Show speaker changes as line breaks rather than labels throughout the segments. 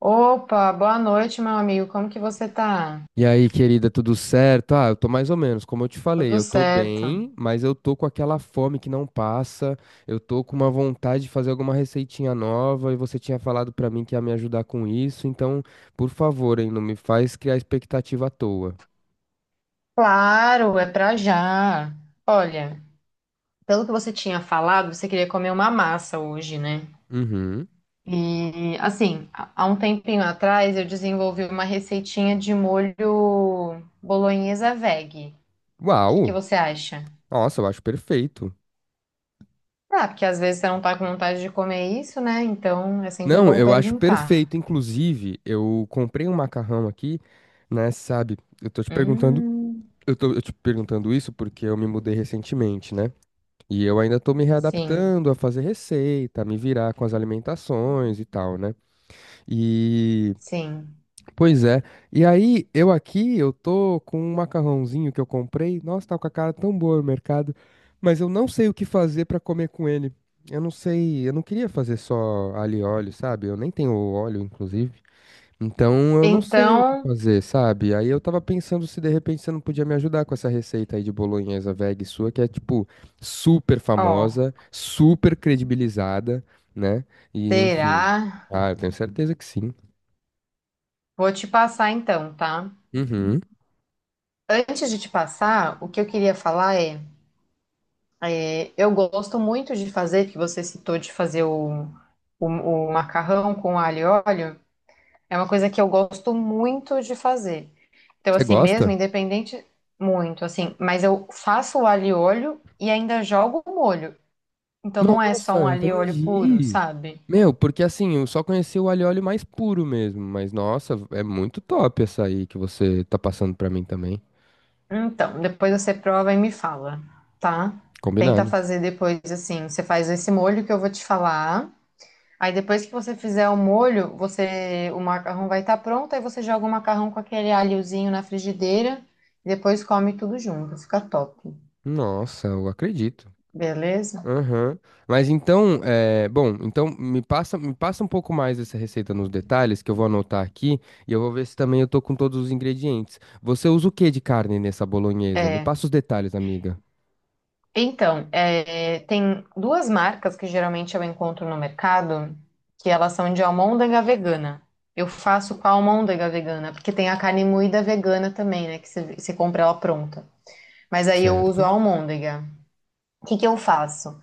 Opa, boa noite, meu amigo. Como que você tá?
E aí, querida, tudo certo? Ah, eu tô mais ou menos, como eu te falei,
Tudo
eu tô
certo?
bem, mas eu tô com aquela fome que não passa, eu tô com uma vontade de fazer alguma receitinha nova e você tinha falado pra mim que ia me ajudar com isso, então, por favor, hein, não me faz criar expectativa à toa.
Claro, é pra já. Olha, pelo que você tinha falado, você queria comer uma massa hoje, né?
Uhum.
E assim, há um tempinho atrás eu desenvolvi uma receitinha de molho bolonhesa veg. O que que
Uau!
você acha?
Nossa, eu acho perfeito.
Ah, porque às vezes você não tá com vontade de comer isso, né? Então é sempre
Não,
bom
eu acho
perguntar.
perfeito, inclusive, eu comprei um macarrão aqui, né, sabe? Eu tô te perguntando,
Hum,
eu te perguntando isso porque eu me mudei recentemente, né? E eu ainda tô me
sim,
readaptando a fazer receita, a me virar com as alimentações e tal, né? E,
sim.
pois é. E aí, eu aqui, eu tô com um macarrãozinho que eu comprei. Nossa, tá com a cara tão boa no mercado, mas eu não sei o que fazer pra comer com ele. Eu não sei, eu não queria fazer só alho e óleo, sabe? Eu nem tenho óleo, inclusive. Então eu não sei o que
Então,
fazer, sabe? Aí eu tava pensando se de repente você não podia me ajudar com essa receita aí de bolonhesa veg sua, que é tipo super famosa,
ó.
super credibilizada, né? E enfim.
Será?
Ah, eu tenho certeza que sim.
Vou te passar então, tá?
Uhum.
Antes de te passar, o que eu queria falar é, eu gosto muito de fazer, que você citou de fazer o macarrão com alho e óleo, é uma coisa que eu gosto muito de fazer. Então,
Você
assim, mesmo,
gosta?
independente, muito, assim, mas eu faço o alho e óleo e ainda jogo o molho. Então não é só um
Nossa,
alho e óleo puro,
entendi.
sabe?
Meu, porque assim, eu só conheci o alho e óleo mais puro mesmo, mas nossa, é muito top essa aí que você tá passando pra mim também.
Então, depois você prova e me fala, tá? Tenta
Combinado.
fazer depois assim. Você faz esse molho que eu vou te falar. Aí depois que você fizer o molho, você o macarrão vai estar pronto. Aí você joga o macarrão com aquele alhozinho na frigideira e depois come tudo junto. Fica top,
Nossa, eu acredito.
beleza?
Aham. Mas então, bom, então me passa um pouco mais essa receita nos detalhes que eu vou anotar aqui e eu vou ver se também eu tô com todos os ingredientes. Você usa o que de carne nessa bolonhesa? Me
É,
passa os detalhes, amiga.
então, é, tem duas marcas que geralmente eu encontro no mercado, que elas são de almôndega vegana. Eu faço com a almôndega vegana, porque tem a carne moída vegana também, né? Que você compra ela pronta. Mas aí eu uso a
Certo.
almôndega. O que que eu faço?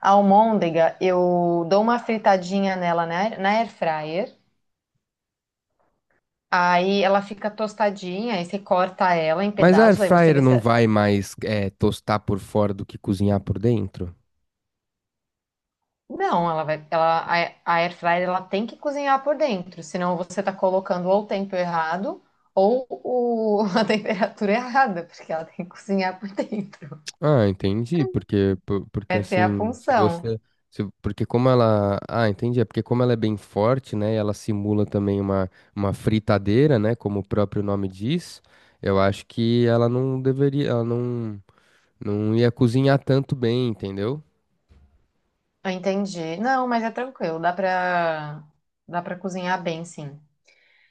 A almôndega, eu dou uma fritadinha nela na air fryer. Aí ela fica tostadinha, aí você corta ela em
Mas a air
pedaços, aí você
fryer
vê se...
não vai mais tostar por fora do que cozinhar por dentro?
Não, ela vai, ela, a air fryer ela tem que cozinhar por dentro, senão você está colocando ou o tempo errado ou a temperatura errada, porque ela tem que cozinhar por dentro.
Ah, entendi, porque
Essa é a
assim, se
função.
você se- porque como ela, ah, entendi, é porque como ela é bem forte, né, e ela simula também uma fritadeira, né, como o próprio nome diz, eu acho que ela não deveria, ela não ia cozinhar tanto bem, entendeu?
Eu entendi. Não, mas é tranquilo, dá para dá para cozinhar bem, sim.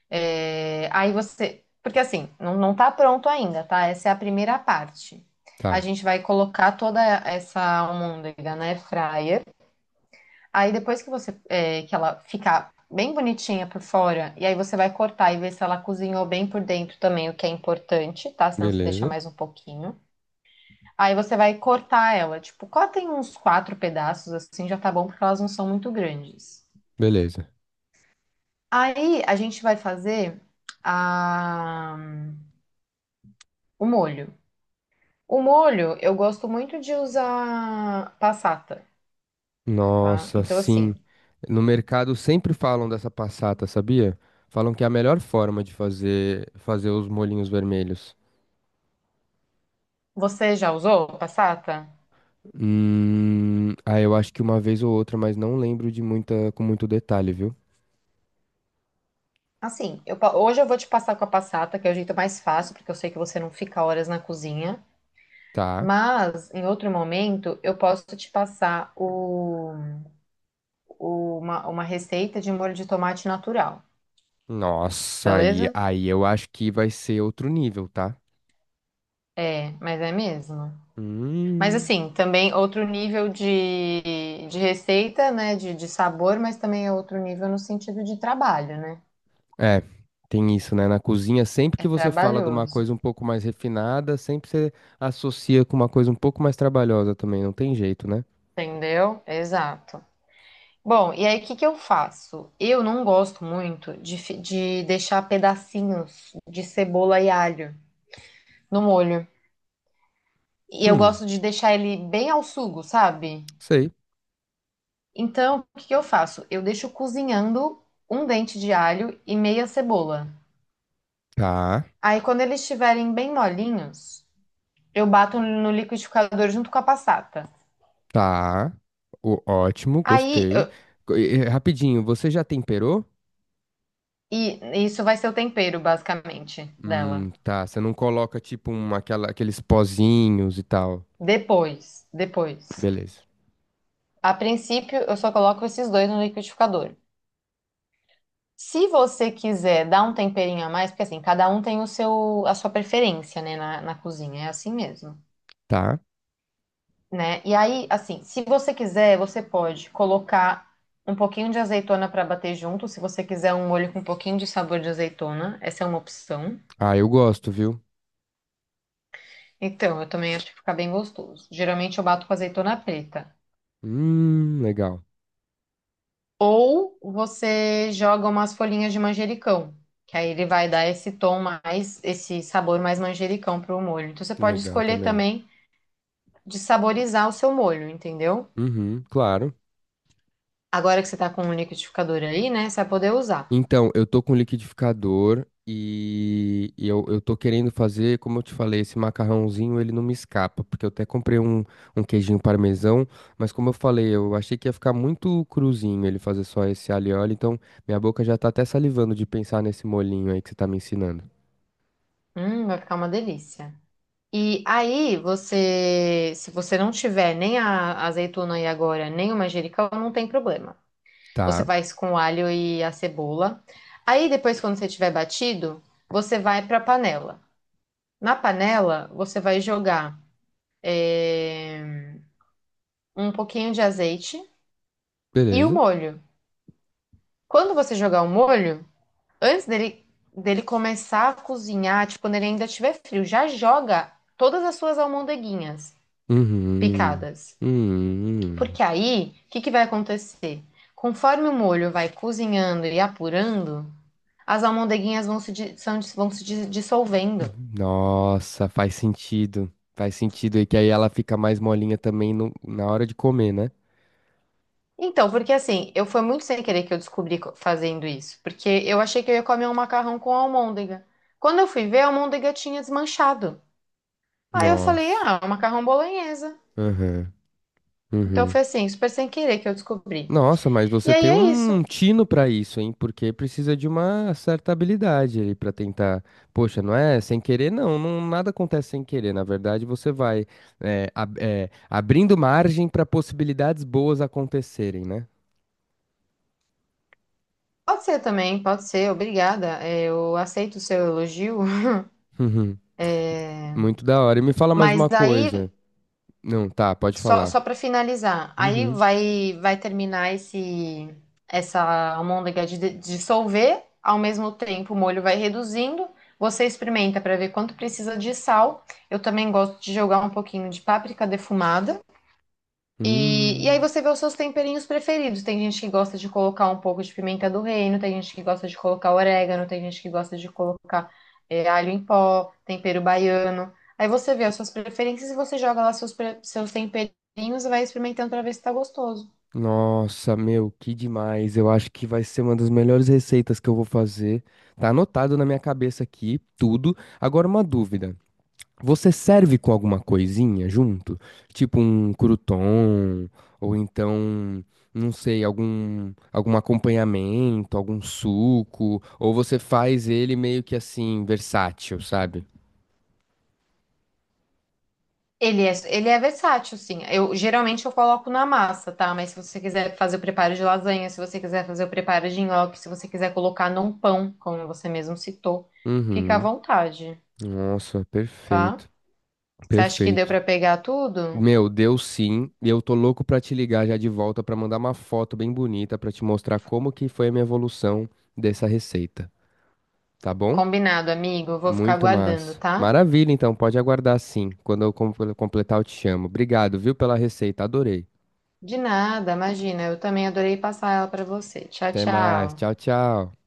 É, aí você, porque assim, não, não tá pronto ainda, tá? Essa é a primeira parte. A
Tá,
gente vai colocar toda essa almôndega na air fryer. Aí depois que você é, que ela ficar bem bonitinha por fora, e aí você vai cortar e ver se ela cozinhou bem por dentro também, o que é importante, tá? Senão você deixa
beleza.
mais um pouquinho. Aí você vai cortar ela, tipo, cortem uns quatro pedaços assim, já tá bom porque elas não são muito grandes.
Beleza.
Aí a gente vai fazer a... o molho. O molho eu gosto muito de usar passata, tá?
Nossa,
Então
sim.
assim,
No mercado sempre falam dessa passata, sabia? Falam que é a melhor forma de fazer os molhinhos vermelhos.
você já usou passata?
Ah, eu acho que uma vez ou outra, mas não lembro de muita, com muito detalhe, viu?
Assim, hoje eu vou te passar com a passata, que é o jeito mais fácil, porque eu sei que você não fica horas na cozinha.
Tá.
Mas, em outro momento, eu posso te passar uma receita de molho de tomate natural,
Nossa, aí,
beleza?
aí eu acho que vai ser outro nível, tá?
É, mas é mesmo. Mas,
Hum.
assim, também outro nível de receita, né? De sabor, mas também é outro nível no sentido de trabalho, né?
É, tem isso, né? Na cozinha, sempre
É
que você fala de uma
trabalhoso,
coisa um pouco mais refinada, sempre você associa com uma coisa um pouco mais trabalhosa também, não tem jeito, né?
entendeu? Exato. Bom, e aí o que que eu faço? Eu não gosto muito de, de deixar pedacinhos de cebola e alho no molho. E eu
Hum,
gosto de deixar ele bem ao sugo, sabe?
sei.
Então, o que que eu faço? Eu deixo cozinhando um dente de alho e meia cebola.
Tá,
Aí, quando eles estiverem bem molinhos, eu bato no liquidificador junto com a passata.
tá. O, ótimo,
Aí,
gostei.
eu-
Rapidinho, você já temperou?
e isso vai ser o tempero, basicamente, dela.
Tá. Você não coloca tipo aqueles pozinhos e tal.
Depois.
Beleza.
A princípio, eu só coloco esses dois no liquidificador. Se você quiser dar um temperinho a mais, porque assim, cada um tem o seu, a sua preferência, né, na cozinha, é assim mesmo,
Tá.
né? E aí, assim, se você quiser, você pode colocar um pouquinho de azeitona para bater junto, se você quiser um molho com um pouquinho de sabor de azeitona, essa é uma opção.
Ah, eu gosto, viu?
Então, eu também acho que fica bem gostoso. Geralmente eu bato com azeitona preta.
Legal.
Ou você joga umas folhinhas de manjericão, que aí ele vai dar esse tom mais, esse sabor mais manjericão para o molho. Então você pode
Legal
escolher
também.
também de saborizar o seu molho, entendeu?
Uhum, claro.
Agora que você tá com um liquidificador aí, né, você vai poder usar.
Então, eu tô com liquidificador e eu tô querendo fazer, como eu te falei, esse macarrãozinho, ele não me escapa, porque eu até comprei um, um queijinho parmesão, mas como eu falei, eu achei que ia ficar muito cruzinho ele fazer só esse alho e óleo, então minha boca já tá até salivando de pensar nesse molhinho aí que você tá me ensinando.
Vai ficar uma delícia. E aí você, se você não tiver nem a azeitona aí agora, nem o manjericão, não tem problema. Você
Tá.
faz com o alho e a cebola. Aí depois, quando você tiver batido, você vai para a panela. Na panela, você vai jogar eh, um pouquinho de azeite e o
Beleza.
molho. Quando você jogar o molho, antes dele começar a cozinhar, tipo, quando ele ainda estiver frio, já joga todas as suas almôndeguinhas
Uhum.
picadas.
Uhum.
Porque aí, o que que vai acontecer? Conforme o molho vai cozinhando e apurando, as almôndeguinhas vão se dissolvendo.
Nossa, faz sentido. Faz sentido. E que aí ela fica mais molinha também na hora de comer, né?
Então, porque assim, eu foi muito sem querer que eu descobri fazendo isso, porque eu achei que eu ia comer um macarrão com almôndega. Quando eu fui ver, a almôndega tinha desmanchado. Aí eu falei,
Nossa.
ah, é um macarrão bolonhesa.
Uhum.
Então
Uhum.
foi assim, super sem querer que eu descobri.
Nossa, mas
E
você
aí
tem
é isso.
um tino pra isso, hein? Porque precisa de uma certa habilidade ali pra tentar. Poxa, não é sem querer, nada acontece sem querer. Na verdade, você vai abrindo margem pra possibilidades boas acontecerem, né?
Pode ser também, pode ser, obrigada. É, eu aceito o seu elogio.
Muito da hora. E me fala mais
Mas
uma coisa.
aí...
Não, tá, pode
Só,
falar.
só para finalizar, aí
Uhum.
vai terminar esse essa almôndega de dissolver, ao mesmo tempo o molho vai reduzindo. Você experimenta para ver quanto precisa de sal. Eu também gosto de jogar um pouquinho de páprica defumada. E aí
Hum.
você vê os seus temperinhos preferidos. Tem gente que gosta de colocar um pouco de pimenta do reino, tem gente que gosta de colocar orégano, tem gente que gosta de colocar alho em pó, tempero baiano. Aí você vê as suas preferências e você joga lá seus temperinhos e vai experimentando pra ver se tá gostoso.
Nossa, meu, que demais. Eu acho que vai ser uma das melhores receitas que eu vou fazer. Tá anotado na minha cabeça aqui, tudo. Agora uma dúvida. Você serve com alguma coisinha junto? Tipo um crouton, ou então, não sei, algum acompanhamento, algum suco, ou você faz ele meio que assim, versátil, sabe?
Ele é versátil, sim. Eu geralmente eu coloco na massa, tá? Mas se você quiser fazer o preparo de lasanha, se você quiser fazer o preparo de nhoque, se você quiser colocar num pão, como você mesmo citou, fica à
Uhum.
vontade,
Nossa,
tá?
perfeito,
Você acha que deu
perfeito.
pra pegar tudo?
Meu, deu sim, e eu tô louco pra te ligar já de volta pra mandar uma foto bem bonita pra te mostrar como que foi a minha evolução dessa receita, tá bom?
Combinado, amigo. Eu vou ficar
Muito
aguardando,
massa.
tá?
Maravilha, então, pode aguardar sim. Quando eu completar, eu te chamo. Obrigado, viu, pela receita, adorei.
De nada, imagina. Eu também adorei passar ela pra você. Tchau,
Até mais,
tchau.
tchau, tchau.